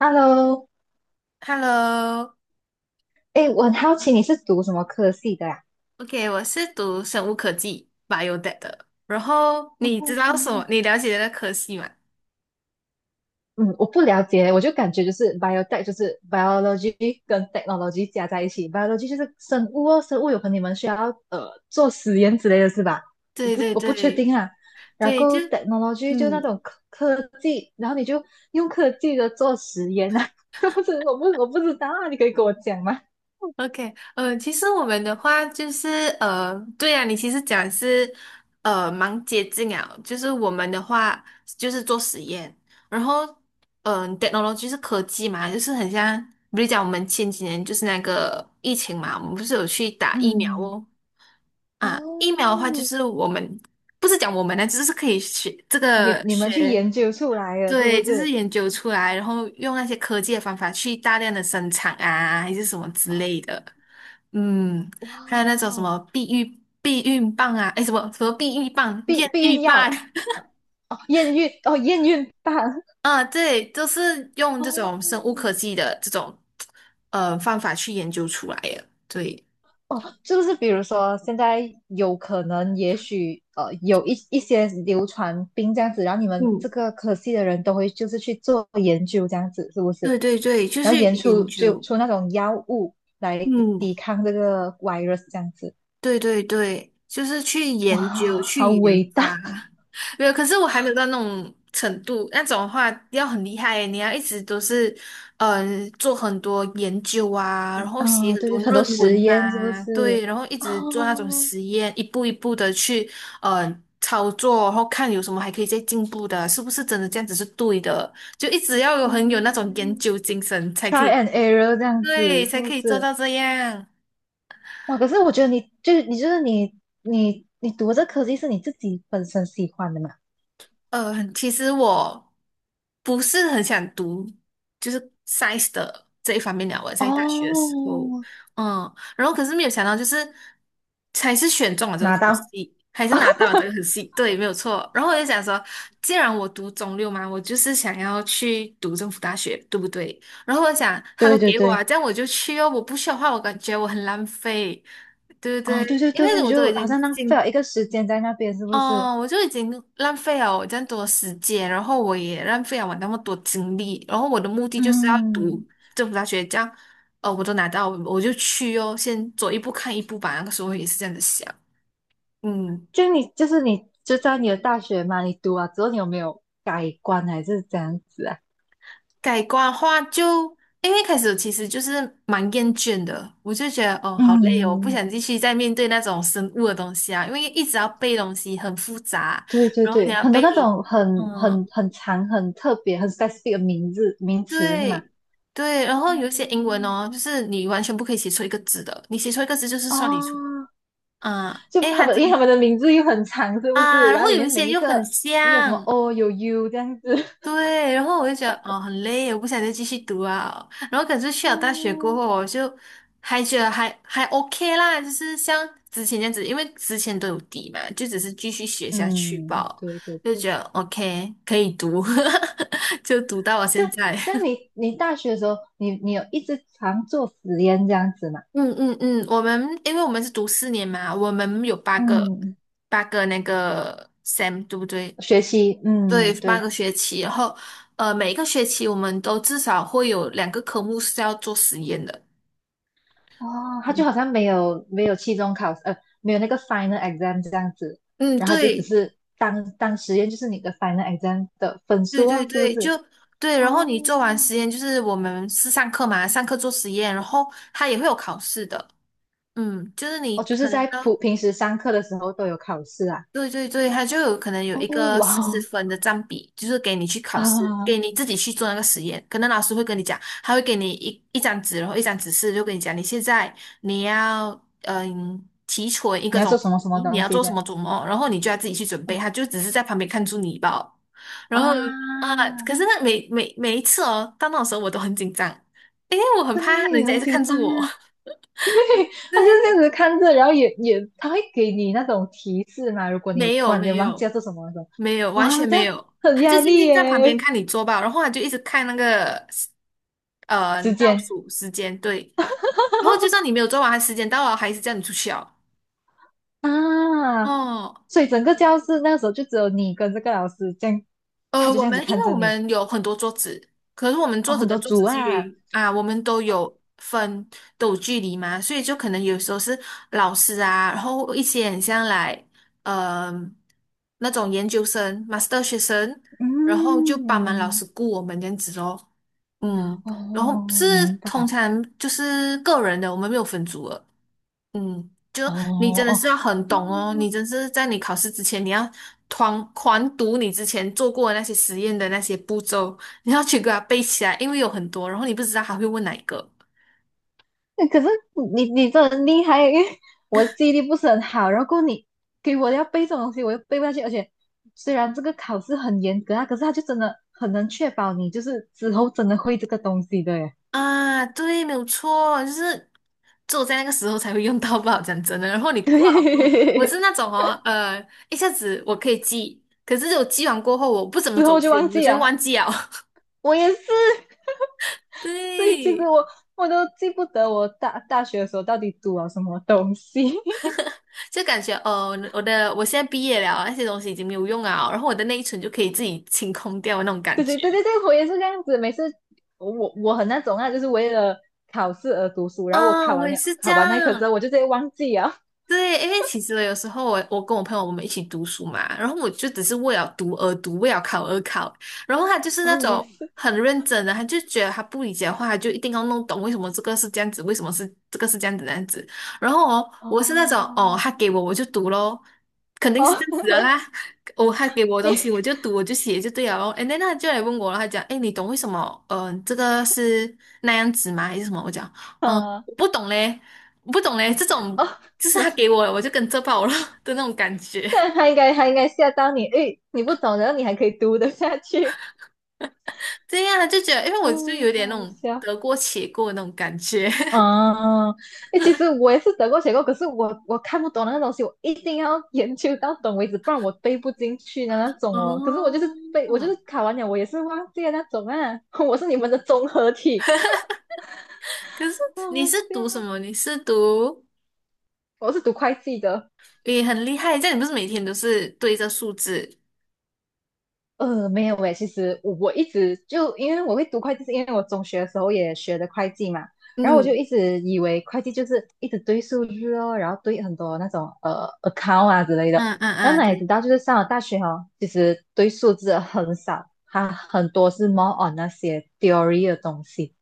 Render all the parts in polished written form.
Hello，Hello，OK，哎，我很好奇你是读什么科系的呀？我是读生物科技 Biotech 的。然后你知道什么？嗯，你了解的科系吗？嗯我不了解，我就感觉就是 biotech 就是 biology 跟 technology 加在一起，biology 就是生物哦，生物有可能你们需要做实验之类的是吧？我对不对我不确对定啊。然对，就后 technology 就那嗯种科技，然后你就用科技的做实验啊，是不是？我不知道啊，你可以跟我讲吗？，OK，其实我们的话就是对啊，你其实讲是蛮接治疗，就是我们的话就是做实验，然后，technology 是科技嘛，就是很像，比如讲我们前几年就是那个疫情嘛，我们不是有去打疫苗嗯，哦。啊，疫苗的哦，话就是我们不是讲我们呢，就是可以学这你个你们去学，研究出来了是不对，就是是？研究出来，然后用那些科技的方法去大量的生产啊，还是什么之哦，类的。嗯，哇还有那种什哦，么避孕棒啊，诶，什么避孕棒、验避避孕孕棒，药，呃哦，验孕哦，验孕棒啊，对，都是用哦，这种生物科技的这种方法去研究出来的。对，是不是？比如说现在有可能，也许有一些流传病这样子，然后你们这嗯，个科系的人都会就是去做研究这样子，是不是？对对对，就然后是研研出就究。出那种药物来嗯，抵抗这个 virus 这样子，对对对，就是去研究、哇，好去研伟发。大 没有，可是我还没有到那种程度，那种的话要很厉害耶你要一直都是，做很多研究啊，然后写啊、很对多对，很多论实文验是不啊，是？对，然后一直做那种哦，实验，一步一步的去，操作，然后看有什么还可以再进步的啊，是不是真的这样子是对的？就一直要很有那种研嗯究精神，才可，try 以，and error 这样子对，是才不可以做是？到这样。哇，可是我觉得你读这科技是你自己本身喜欢的嘛？其实我不是很想读，就是 science 的这一方面了。我在大学的时候，哦，嗯，然后可是没有想到，就是还是选中了这个拿科到，系，还是拿 到了这个科系，对，没有错。然后我就想说，既然我读中六嘛，我就是想要去读政府大学，对不对？然后我想，他都对对给我啊，对，这样我就去哦。我不去的话，我感觉我很浪费，对不对？哦对对因对，为你我都已就好经像浪费进了一个时间在那边，是不是？哦，我就已经浪费了我这样多的时间，然后我也浪费了我那么多精力，然后我的目的就是要读嗯，政府大学，这样，哦，我都拿到，我就去哦，先走一步看一步吧。那个时候也是这样子想，嗯，就你就是你就在你的大学嘛，你读啊之后你有没有改观还是这样子啊？改观的话就，因为一开始其实就是蛮厌倦的，我就觉得哦，好累哦，我不嗯，想继续再面对那种生物的东西啊，因为一直要背东西很复杂，对对然后你对，要很多背那你。种很嗯，很很长、很特别、很 specific 的名字名词是吗？对对，然后有一些英文嗯哦，就是你完全不可以写错一个字的，你写错一个字就是算你错哦，啊。就诶，他还们，真因为他们的名字又很长，是不啊，是？然然后后里有一面每些一又个很又有什么 像，O 有 U 这样子。对，然后我就觉得哦很累，我不想再继续读啊。然后可是去了大学过嗯，后，我就还觉得还 OK 啦，就是像之前这样子，因为之前都有底嘛，就只是继续学下去吧，嗯，对对就对，觉得 OK 可以读，就读到了现这在。这样你你大学的时候，你你有一直常做实验这样子吗？嗯嗯嗯，我们因为我们是读4年嘛，我们有八个嗯，八个那个 sem，对不对？学习，嗯，对，八对，个学期，然后每一个学期我们都至少会有2个科目是要做实验的。哦，他就嗯好像没有没有期中考试，没有那个 final exam 这样子，嗯，然后他就只对，是当实验，就是你的 final exam 的分对数对哦，是不对，就是？对。哦，然后你做完实验，就是我们是上课嘛，上课做实验，然后它也会有考试的。嗯，就是你哦，就是可能在普到平时上课的时候都有考试啊。对对对，他就有可能有一哦，个哇四哦十分的占比，就是给你去考试，啊，给你自己去做那个实验。可能老师会跟你讲，他会给你一张纸，然后一张指示，就跟你讲，你现在你要提纯一你个要种，做什么什么西，你东要西做什的？么做什么，然后你就要自己去准备。嗯他就只是在旁边看住你吧。然后啊，啊、可是那每一次哦，到那种时候我都很紧张，因为我很怕人对，家一很直紧看张住我。啊。他就是这对。样子看着，然后也也他会给你那种提示嘛。如果你没突有然间没忘记要有做什么的时候，没有，完哇，全这没样有，很他就压静力静在旁边耶。看你做吧，然后他就一直看那个时倒间数时间，对，然后就算你没有做完，他时间到了，还是叫你出去哦。啊，哦，所以整个教室那时候就只有你跟这个老师这样，他就我这样子们因看为着我你。们有很多桌子，可是我们哦，桌子很跟多桌组子距啊，离啊，我们都有距离嘛，所以就可能有时候是老师啊，然后一些很像来呃那种研究生、master 学生，然后就帮忙老嗯，师顾我们这样子哦，嗯，然后是哦，明通白。常就是个人的，我们没有分组的。就哦你真的哦，是要很懂哦，你真是在你考试之前，你要团狂读你之前做过的那些实验的那些步骤，你要去给它背起来，因为有很多，然后你不知道他会问哪一个嗯可是你你真的很厉害，因为我记忆力不是很好，然后过后你给我要背这种东西，我又背不下去，而且虽然这个考试很严格啊，可是他就真的很能确保你就是之后真的会这个东西的耶。啊。对，没有错，就是只有在那个时候才会用到不吧，讲真的。然后你 过好过，我对，是那种哦，一下子我可以记，可是我记完过后我不怎么之走后就忘心，我记就会啊，忘记了。我也是，对，其实对。我我都记不得我大学的时候到底读了什么东西。就感觉哦，我现在毕业了，那些东西已经没有用啊，然后我的内存就可以自己清空掉那种感对对觉。对对对，我也是这样子。每次我我很那种啊，就是为了考试而读书，然后我啊，考我完也了是这考完那一科之样。后，我就直接忘记啊。对，因为其实有时候我跟我朋友我们一起读书嘛，然后我就只是为了读而读，为了考而考，然后他就是那哦，我也种是。很认真的，他就觉得他不理解的话，他就一定要弄懂为什么这个是这样子，为什么是这个是这样子那样子。然后哦，我是那种哦，哦他给我我就读咯，肯定是哦，这样子的啦。哦，他给我 的你东西我就读我就写就对了咯。And then 他就来问我了，他讲，哎，你懂为什么？嗯、这个是那样子吗？还是什么？我讲，嗯，啊我不懂嘞。我不懂嘞，这种哦，就是那他给我了我就跟着跑了的那种感觉。但他应该他应该吓到你，诶，你不懂，然后你还可以读得下去，对呀，他就觉得，因为 我就嗯，有点那好种笑。得过且过的那种感觉。哦，哎，其实我也是得过且过，可是我我看不懂的那个东西，我一定要 研究到懂为止，不然我背不进去的那种哦。可是我就是背，我就哦，是考完了，我也是忘记了那种啊。我是你们的综合体，可是你 是对读什啊，么？你是读我是读会计的。也很厉害，这样你不是每天都是对着数字？没有诶，其实我我一直就因为我会读会计，是因为我中学的时候也学的会计嘛，然后我就一嗯直以为会计就是一直对数字哦，然后对很多那种account 啊之类的，嗯嗯然后嗯，哪里对。知道就是上了大学哦，其实对数字很少，它很多是 more on 那些 theory 的东西，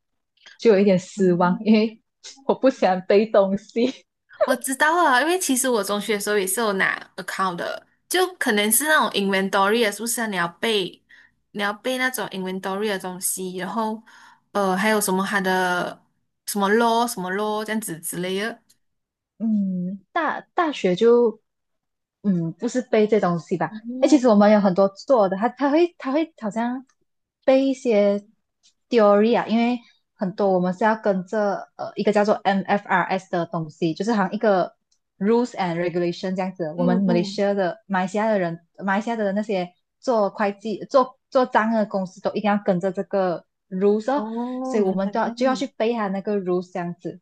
就有一点失望，因为 我不喜欢背东西。我知道啊，因为其实我中学的时候也是有拿 account 的，就可能是那种 inventory 的，是不是啊？你要背那种 inventory 的东西，然后还有什么它的什么 law 什么 law 这样子之类的。嗯，大学就嗯，不是背这东西吧？哎，其哦，实我们有很多做的，他会好像背一些 theory 啊，因为很多我们是要跟着一个叫做 MFRS 的东西，就是好像一个 rules and regulation 这样子。我嗯们 嗯，Malaysia 的马来西亚的人，马来西亚的那些做会计、做账的公司都一定要跟着这个 rules 哦，所哦，以我原们来都要就要去背它那个 rules 这样子。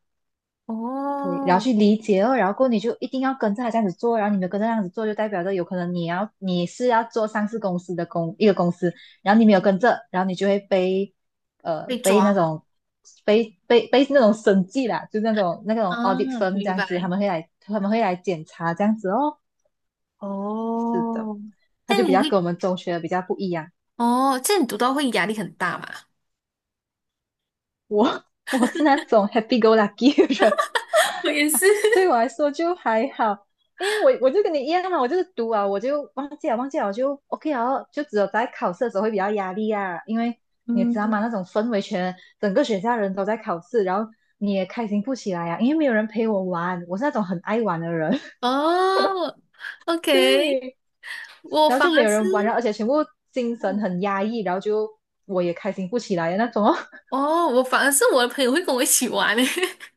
对，然后哦，去理解哦，然后过后你就一定要跟着他这样子做，然后你没有跟着这样子做，就代表着有可能你要你是要做上市公司的一个公司，然后你没有跟着，然后你就会被被被那抓种被那种审计啦，就那种 啊，audit firm 这明样子，他白。们会来他们会来检查这样子哦。是的，哦，他这就样比你较跟会，我们中学的比较不一样，哦，这样你读到会压力很大嘛？我 我是那种 happy go lucky 的人。我也是。对 我来说就还好，因为我我就跟你一样嘛，我就是读啊，我就忘记了忘记了我就 OK 啊，就只有在考试的时候会比较压力啊，因为你也知道嗯。吗？那种氛围整个学校人都在考试，然后你也开心不起来啊，因为没有人陪我玩，我是那种很爱玩的人，哦 ，OK，对，我然后反就没而有是，人玩，然后而且全部精神很压抑，然后就我也开心不起来的那种哦，哦，我反而是我的朋友会跟我一起玩诶。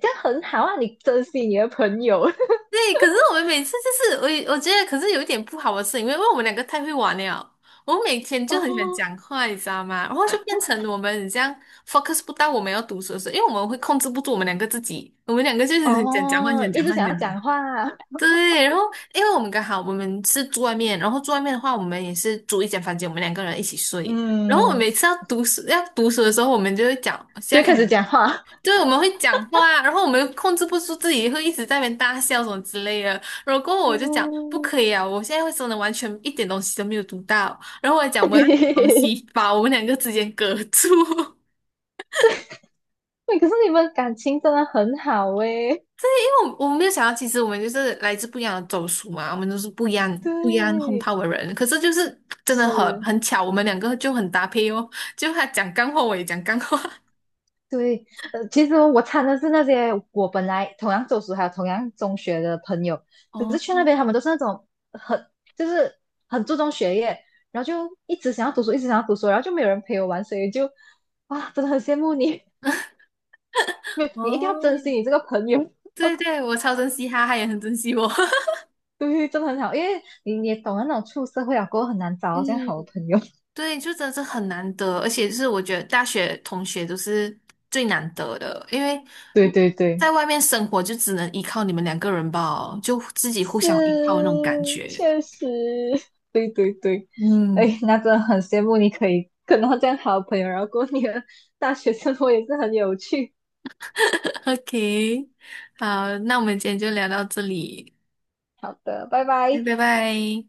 这样很好啊，你珍惜你的朋友 对，可是我们每次就是我觉得，可是有一点不好的是，因为我们两个太会玩了，我们每天就很喜欢哦讲话，你知道吗？然后就变成我们这样 focus 不到我们要读书的时候，因为我们会控制不住我们两个自己，我们两个就是很想讲话，很哦，想一讲直话，很想要想讲讲话话。啊，对，然后因为我们刚好我们是住外面，然后住外面的话，我们也是租一间房间，我们两个人一起 睡。然后我们嗯。每次要读书的时候，我们就会讲，现就在开肯始定讲话。对，我们会讲话，然后我们又控制不住自己，会一直在那边大笑什么之类的。然后过后我就讲不哦，可以啊，我现在会真的完全一点东西都没有读到。然后我还讲 我要拿东对，西把我们两个之间隔住。可是你们感情真的很好诶。我们没有想到，其实我们就是来自不一样的走属嘛，我们都是不一样不一样轰对，炮的人。可是就是真的很是，很巧，我们两个就很搭配哦。就他讲干货，我也讲干货。对，其实我参的是那些我本来同样州属还有同样中学的朋友，可是哦去那边他们都是那种很就是很注重学业，然后就一直想要读书，一直想要读书，然后就没有人陪我玩，所以就哇，真的很羡慕你，没有你一定要珍哦，惜你这个朋友，对对，我超珍惜他，他也很珍惜我。对，真的很好，因为你你也懂得那种出社会啊，过后很难 找到这样好的嗯，朋友。对，就真的是很难得，而且是我觉得大学同学都是最难得的，因为对对对，在外面生活就只能依靠你们两个人吧，就自己互相依靠是，的那种感觉。确实，对对对，嗯。哎，那真的很羡慕你可以跟到这样好的朋友，然后过你的大学生活也是很有趣。OK，好，那我们今天就聊到这里，好的，拜拜。拜拜。